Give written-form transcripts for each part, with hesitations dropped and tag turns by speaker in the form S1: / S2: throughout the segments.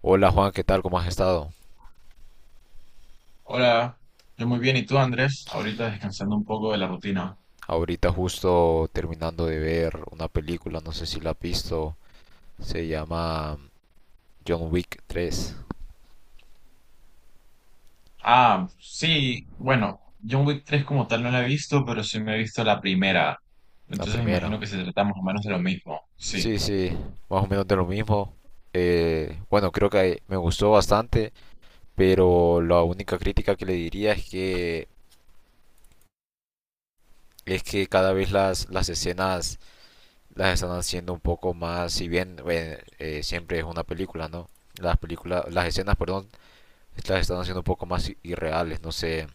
S1: Hola Juan, ¿qué tal? ¿Cómo has estado?
S2: Hola, yo muy bien. ¿Y tú, Andrés? Ahorita descansando un poco de la rutina.
S1: Ahorita justo terminando de ver una película, no sé si la has visto, se llama John Wick tres,
S2: Ah, sí, bueno, John Wick 3 como tal no la he visto, pero sí me he visto la primera.
S1: la
S2: Entonces me
S1: primera.
S2: imagino que se trata más o menos de lo mismo. Sí,
S1: Sí, sí, más o menos de lo mismo. Bueno, creo que me gustó bastante, pero la única crítica que le diría es que cada vez las escenas las están haciendo un poco más, si bien siempre es una película, ¿no? Las películas, las escenas, perdón, las están haciendo un poco más irreales, no sé.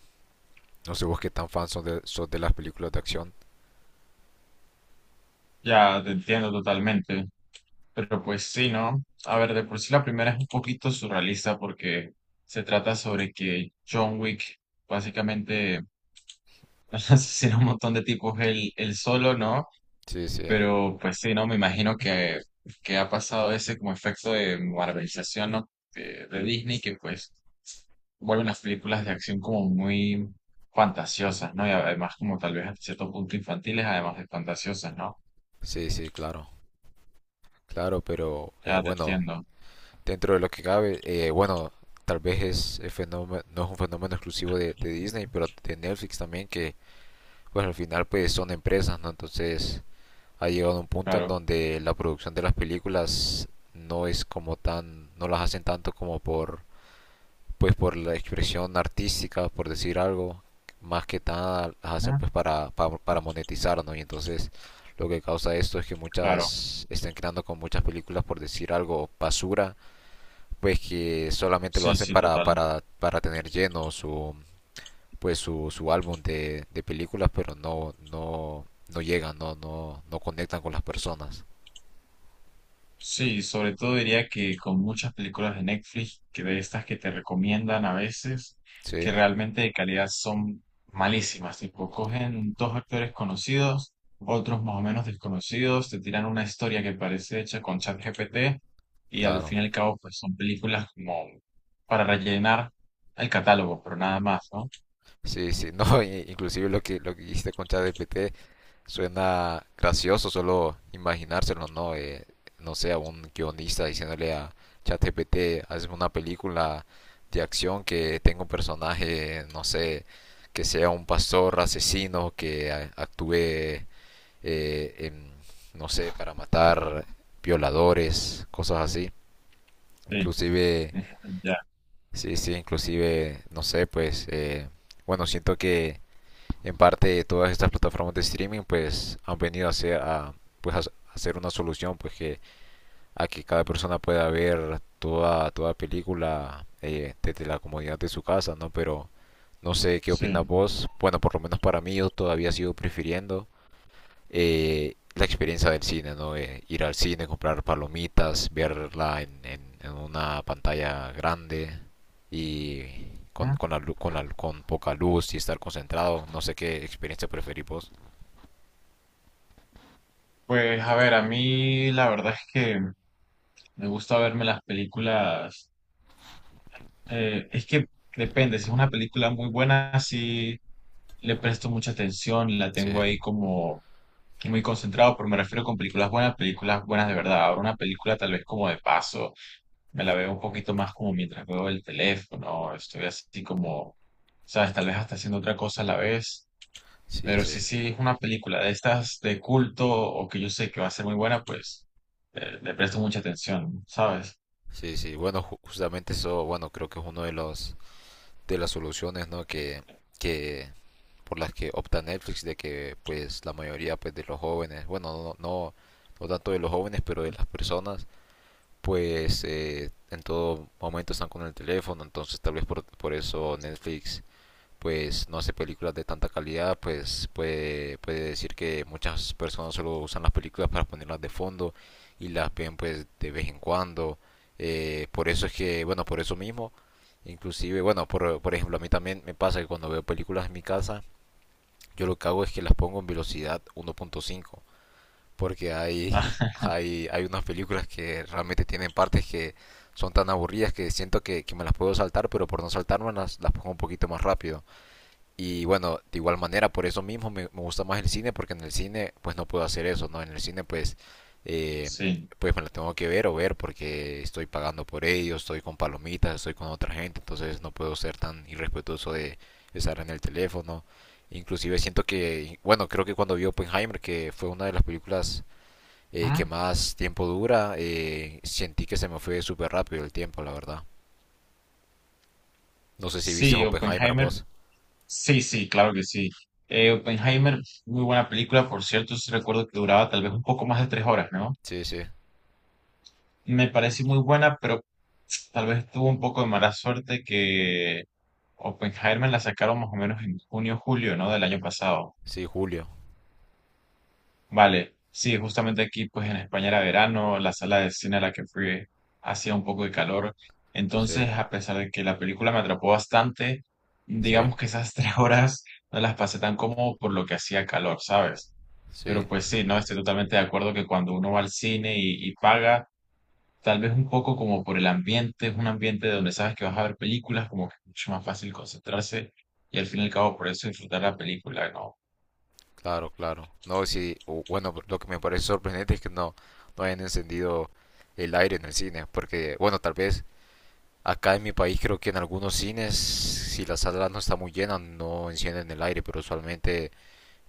S1: No sé vos qué tan fan sos sos de las películas de acción.
S2: ya te entiendo totalmente. Pero pues sí, ¿no? A ver, de por sí la primera es un poquito surrealista porque se trata sobre que John Wick básicamente asesina a un montón de tipos él solo, ¿no?
S1: Sí, sí,
S2: Pero pues sí, no, me imagino que, ha pasado ese como efecto de marvelización, ¿no? de Disney, que pues vuelven las películas de acción como muy fantasiosas, ¿no? Y además como tal vez a cierto punto infantiles, además de fantasiosas, ¿no?
S1: sí, sí, claro. Claro, pero
S2: Ya te entiendo,
S1: dentro de lo que cabe, bueno, tal vez es, el fenómeno, no es un fenómeno exclusivo de Disney, pero de Netflix también, que pues al final pues son empresas, ¿no? Entonces ha llegado a un punto en
S2: claro.
S1: donde la producción de las películas no es como tan, no las hacen tanto como por pues por la expresión artística, por decir algo, más que nada las hacen
S2: Ujú.
S1: pues para monetizar, ¿no? Y entonces lo que causa esto es que
S2: Claro.
S1: muchas están creando con muchas películas, por decir algo, basura, pues que solamente lo
S2: Sí,
S1: hacen
S2: sí, total.
S1: para tener lleno su pues su álbum de películas, pero no llegan, no conectan con las personas.
S2: Sí, sobre todo diría que con muchas películas de Netflix, que de estas que te recomiendan a veces,
S1: Sí,
S2: que realmente de calidad son malísimas, tipo cogen dos actores conocidos, otros más o menos desconocidos, te tiran una historia que parece hecha con ChatGPT y al
S1: claro.
S2: fin y al cabo pues son películas como para rellenar el catálogo, pero nada más, ¿no?
S1: Sí, sí, no, inclusive lo que hiciste con ChatGPT suena gracioso solo imaginárselo, ¿no? No sé, a un guionista diciéndole a ChatGPT, hazme una película de acción que tenga un personaje, no sé, que sea un pastor asesino, que actúe, en, no sé, para matar violadores, cosas así.
S2: Sí,
S1: Inclusive,
S2: ya,
S1: sí, sí, inclusive, no sé, pues, bueno, siento que en parte, todas estas plataformas de streaming pues han venido a ser, a, pues, a hacer una solución pues que a que cada persona pueda ver toda película desde la comodidad de su casa, ¿no? Pero no sé qué opinas
S2: sí.
S1: vos. Bueno, por lo menos para mí yo todavía sigo prefiriendo la experiencia del cine, ¿no? Ir al cine, comprar palomitas, verla en una pantalla grande y
S2: Ujú.
S1: con, la, lu- con, la- con poca luz y estar concentrado. No sé qué experiencia preferís vos.
S2: Pues a ver, a mí la verdad es que me gusta verme las películas. Es que depende, si es una película muy buena, sí le presto mucha atención, la
S1: Sí,
S2: tengo ahí como que muy concentrado, pero me refiero con películas buenas de verdad. Ahora una película tal vez como de paso, me la veo un poquito más como mientras veo el teléfono, estoy así como, sabes, tal vez hasta haciendo otra cosa a la vez,
S1: sí,
S2: pero
S1: sí.
S2: sí, sí es una película de estas de culto o que yo sé que va a ser muy buena, pues le presto mucha atención, ¿sabes?
S1: Sí, sí. Bueno, justamente eso, bueno, creo que es uno de los de las soluciones, ¿no? Que por las que opta Netflix de que pues la mayoría pues de los jóvenes, bueno, no tanto de los jóvenes, pero de las personas pues en todo momento están con el teléfono, entonces tal vez por eso Netflix pues no hace películas de tanta calidad, pues puede, puede decir que muchas personas solo usan las películas para ponerlas de fondo y las ven pues de vez en cuando. Por eso es que, bueno, por eso mismo, inclusive, bueno, por ejemplo, a mí también me pasa que cuando veo películas en mi casa, yo lo que hago es que las pongo en velocidad 1.5 porque
S2: Ah,
S1: hay unas películas que realmente tienen partes que son tan aburridas que siento que me las puedo saltar, pero por no saltarme las pongo un poquito más rápido. Y bueno, de igual manera, por eso mismo me gusta más el cine, porque en el cine pues no puedo hacer eso, ¿no? En el cine pues, eh,
S2: sí.
S1: pues me lo tengo que ver o ver porque estoy pagando por ello, estoy con palomitas, estoy con otra gente, entonces no puedo ser tan irrespetuoso de estar en el teléfono. Inclusive siento que, bueno, creo que cuando vi Oppenheimer, que fue una de las películas que
S2: ¿Mm?
S1: más tiempo dura, sentí que se me fue súper rápido el tiempo, la verdad. No sé si viste
S2: Sí,
S1: Oppenheimer
S2: Oppenheimer.
S1: vos.
S2: Sí, sí, claro que sí. Oppenheimer, muy buena película, por cierto, sí recuerdo que duraba tal vez un poco más de 3 horas, ¿no?
S1: Sí, sí,
S2: Me parece muy buena, pero tal vez tuvo un poco de mala suerte que Oppenheimer la sacaron más o menos en junio, julio, ¿no? Del año pasado.
S1: sí, julio.
S2: Vale, sí, justamente aquí, pues en España era verano, la sala de cine a la que fui hacía un poco de calor.
S1: Sí,
S2: Entonces, a pesar de que la película me atrapó bastante,
S1: sí,
S2: digamos que esas 3 horas no las pasé tan cómodo por lo que hacía calor, ¿sabes?
S1: sí,
S2: Pero pues sí, no, estoy totalmente de acuerdo que cuando uno va al cine y paga, tal vez un poco como por el ambiente, es un ambiente donde sabes que vas a ver películas, como que es mucho más fácil concentrarse y al fin y al cabo por eso disfrutar la película, ¿no?
S1: claro, claro. No, sí, bueno, lo que me parece sorprendente es que no, no hayan encendido el aire en el cine, porque, bueno, tal vez acá en mi país creo que en algunos cines, si la sala no está muy llena, no encienden el aire, pero usualmente,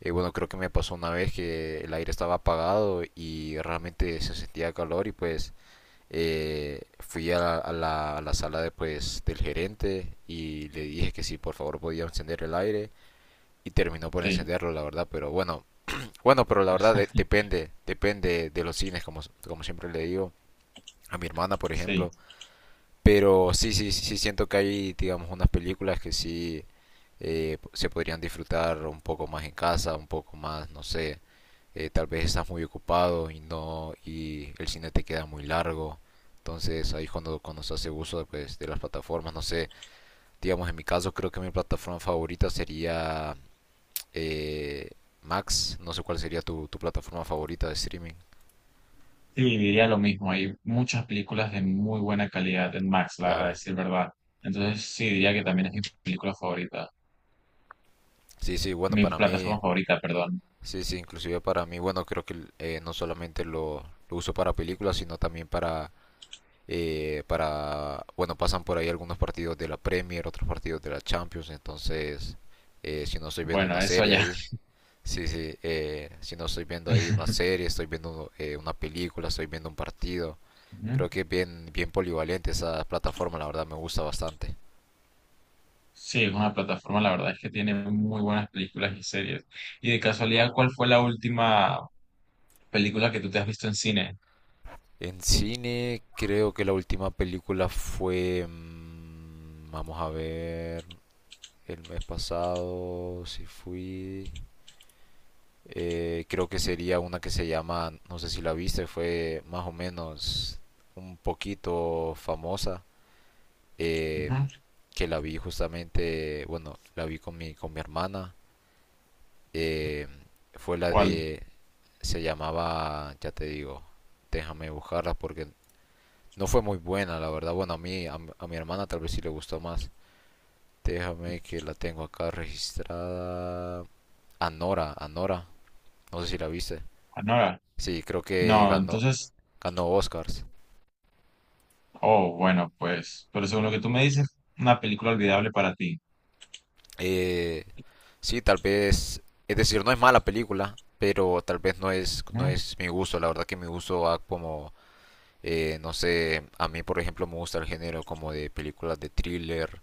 S1: bueno, creo que me pasó una vez que el aire estaba apagado y realmente se sentía calor y pues... Fui a la, a la sala de, pues, del gerente y le dije que si por favor podía encender el aire y terminó por
S2: Sí,
S1: encenderlo, la verdad, pero bueno, pero la verdad depende, depende de los cines, como, como siempre le digo. A mi hermana, por
S2: sí,
S1: ejemplo, pero sí, sí, sí siento que hay, digamos, unas películas que sí se podrían disfrutar un poco más en casa, un poco más, no sé, tal vez estás muy ocupado y no y el cine te queda muy largo. Entonces ahí cuando se hace uso pues, de las plataformas, no sé, digamos en mi caso creo que mi plataforma favorita sería eh, Max, no sé cuál sería tu plataforma favorita de streaming,
S2: sí, diría lo mismo. Hay muchas películas de muy buena calidad en Max, la, a
S1: claro.
S2: decir verdad. Entonces sí, diría que también es mi película favorita,
S1: Sí, sí, bueno,
S2: mi
S1: para mí
S2: plataforma favorita, perdón.
S1: sí, sí, inclusive para mí, bueno, creo que no solamente lo uso para películas, sino también para, bueno, pasan por ahí algunos partidos de la Premier, otros partidos de la Champions, entonces, si no estoy viendo
S2: Bueno,
S1: una
S2: eso
S1: serie
S2: ya.
S1: ahí, sí, sí, si no estoy viendo ahí una serie, estoy viendo una película, estoy viendo un partido, creo que es bien, bien polivalente esa plataforma, la verdad me gusta bastante.
S2: Sí, es una plataforma, la verdad es que tiene muy buenas películas y series. Y de casualidad, ¿cuál fue la última película que tú te has visto en cine?
S1: En cine, creo que la última película fue, vamos a ver. El mes pasado sí fui. Creo que sería una que se llama, no sé si la viste, fue más o menos un poquito famosa. eh,
S2: Ujú.
S1: que la vi justamente, bueno, la vi con mi hermana. eh, Fue la
S2: ¿Cuál?
S1: de, se llamaba, ya te digo, déjame buscarla porque no fue muy buena, la verdad. Bueno, a mi hermana tal vez sí le gustó más. Déjame que la tengo acá registrada. Anora, Anora. No sé si la viste.
S2: ¿Anora?
S1: Sí, creo que
S2: No,
S1: ganó,
S2: entonces,
S1: ganó Oscars.
S2: oh, bueno, pues, pero según lo que tú me dices, una película olvidable para ti.
S1: Eh, sí, tal vez, es decir, no es mala película, pero tal vez no
S2: Ujú,
S1: es mi gusto. La verdad que mi gusto va como, no sé, a mí por ejemplo me gusta el género como de películas de thriller,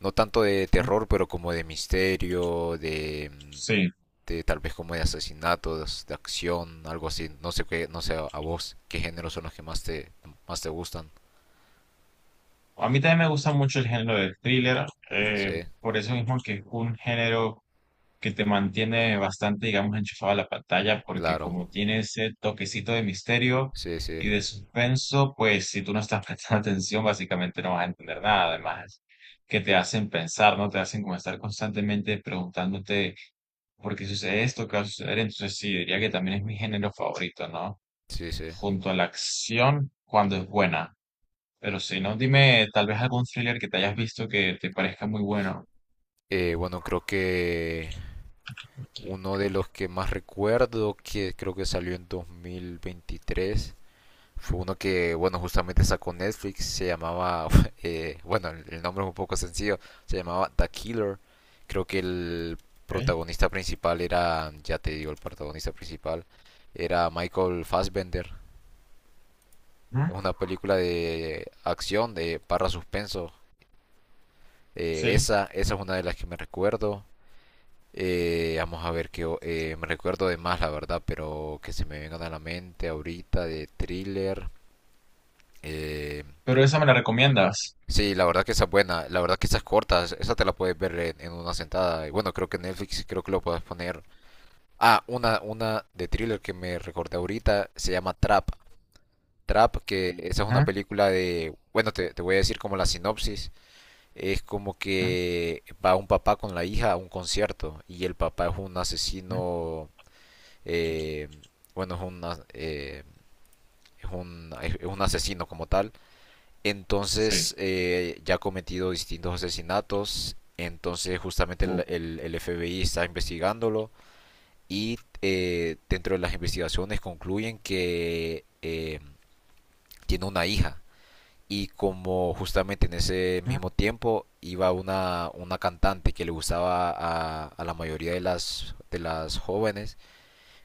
S1: no tanto de
S2: ujú.
S1: terror, pero como de misterio,
S2: Sí,
S1: de tal vez como de asesinatos, de acción, algo así. No sé qué, no sé a vos qué géneros son los que más te gustan.
S2: a mí también me gusta mucho el género de thriller,
S1: Sí,
S2: por eso mismo que es un género que te mantiene bastante, digamos, enchufado a la pantalla, porque
S1: claro.
S2: como tiene ese toquecito de misterio
S1: Sí, sí.
S2: y de suspenso, pues si tú no estás prestando atención, básicamente no vas a entender nada. Además, que te hacen pensar, ¿no? Te hacen como estar constantemente preguntándote por qué sucede esto, qué va a suceder. Entonces, sí, diría que también es mi género favorito, ¿no?
S1: Sí, sí.
S2: Junto a la acción, cuando es buena. Pero si no, dime tal vez algún thriller que te hayas visto que te parezca muy bueno.
S1: Bueno, creo que uno
S2: Ok.
S1: de los que más recuerdo, que creo que salió en 2023, fue uno que, bueno, justamente sacó Netflix, se llamaba, bueno, el nombre es un poco sencillo, se llamaba The Killer. Creo que el protagonista principal era, ya te digo, el protagonista principal era Michael Fassbender.
S2: Ujú.
S1: Es una película de acción, de barra suspenso.
S2: Sí,
S1: Esa, esa es una de las que me recuerdo. Vamos a ver que me recuerdo de más, la verdad, pero que se me vengan a la mente ahorita de thriller. eh,
S2: pero esa me la recomiendas.
S1: sí, la verdad que esa es buena, la verdad que esa es corta, esa te la puedes ver en una sentada. Y bueno, creo que Netflix, sí creo que lo puedes poner. Ah, una de thriller que me recordé ahorita se llama Trap. Trap, que esa es una
S2: Ah,
S1: película de, bueno, te voy a decir como la sinopsis. Es como
S2: ah,
S1: que va un papá con la hija a un concierto y el papá es un
S2: ah,
S1: asesino eh, bueno, es un, eh, es un asesino como tal.
S2: sí,
S1: Entonces, ya ha cometido distintos asesinatos. Entonces, justamente
S2: uh,
S1: el FBI está investigándolo. Y dentro de las investigaciones concluyen que tiene una hija. Y como justamente en ese
S2: ah,
S1: mismo tiempo iba una cantante que le gustaba a la mayoría de las jóvenes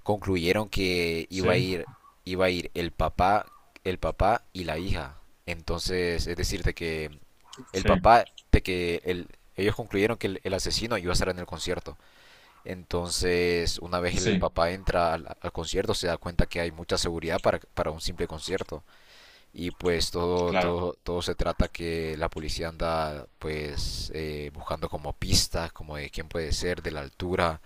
S1: concluyeron que
S2: sí,
S1: iba a ir el papá y la hija. Entonces, es decir, de que el
S2: sí,
S1: papá, ellos concluyeron que el asesino iba a estar en el concierto. Entonces, una vez el
S2: sí,
S1: papá entra al concierto, se da cuenta que hay mucha seguridad para un simple concierto. Y pues
S2: claro,
S1: todo se trata que la policía anda pues buscando como pistas, como de quién puede ser, de la altura,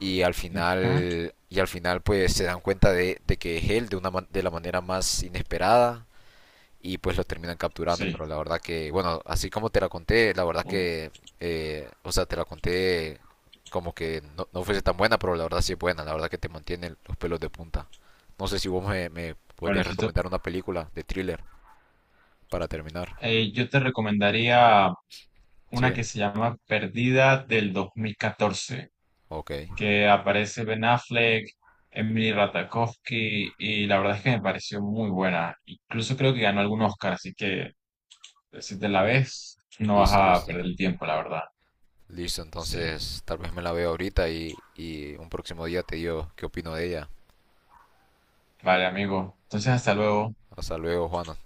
S2: mm, ah.
S1: y al final pues se dan cuenta de que es él de una de la manera más inesperada y pues lo terminan capturando
S2: Sí.
S1: pero la verdad que bueno así como te la conté la verdad
S2: Uh.
S1: que o sea te la conté como que no, no fuese tan buena pero la verdad sí es buena la verdad que te mantiene los pelos de punta no sé si vos me
S2: Bueno,
S1: podrías
S2: si tú-
S1: recomendar una película de thriller para terminar
S2: yo te recomendaría una
S1: sí
S2: que se llama Perdida del 2014,
S1: ok
S2: que aparece Ben Affleck, Emily Ratajkowski, y la verdad es que me pareció muy buena. Incluso creo que ganó algún Oscar, así que si te la ves, no vas
S1: listo
S2: a
S1: listo
S2: perder el tiempo, la verdad.
S1: listo
S2: Sí,
S1: entonces tal vez me la veo ahorita y un próximo día te digo qué opino de ella.
S2: vale, amigo. Entonces, hasta luego.
S1: Hasta luego, Juana.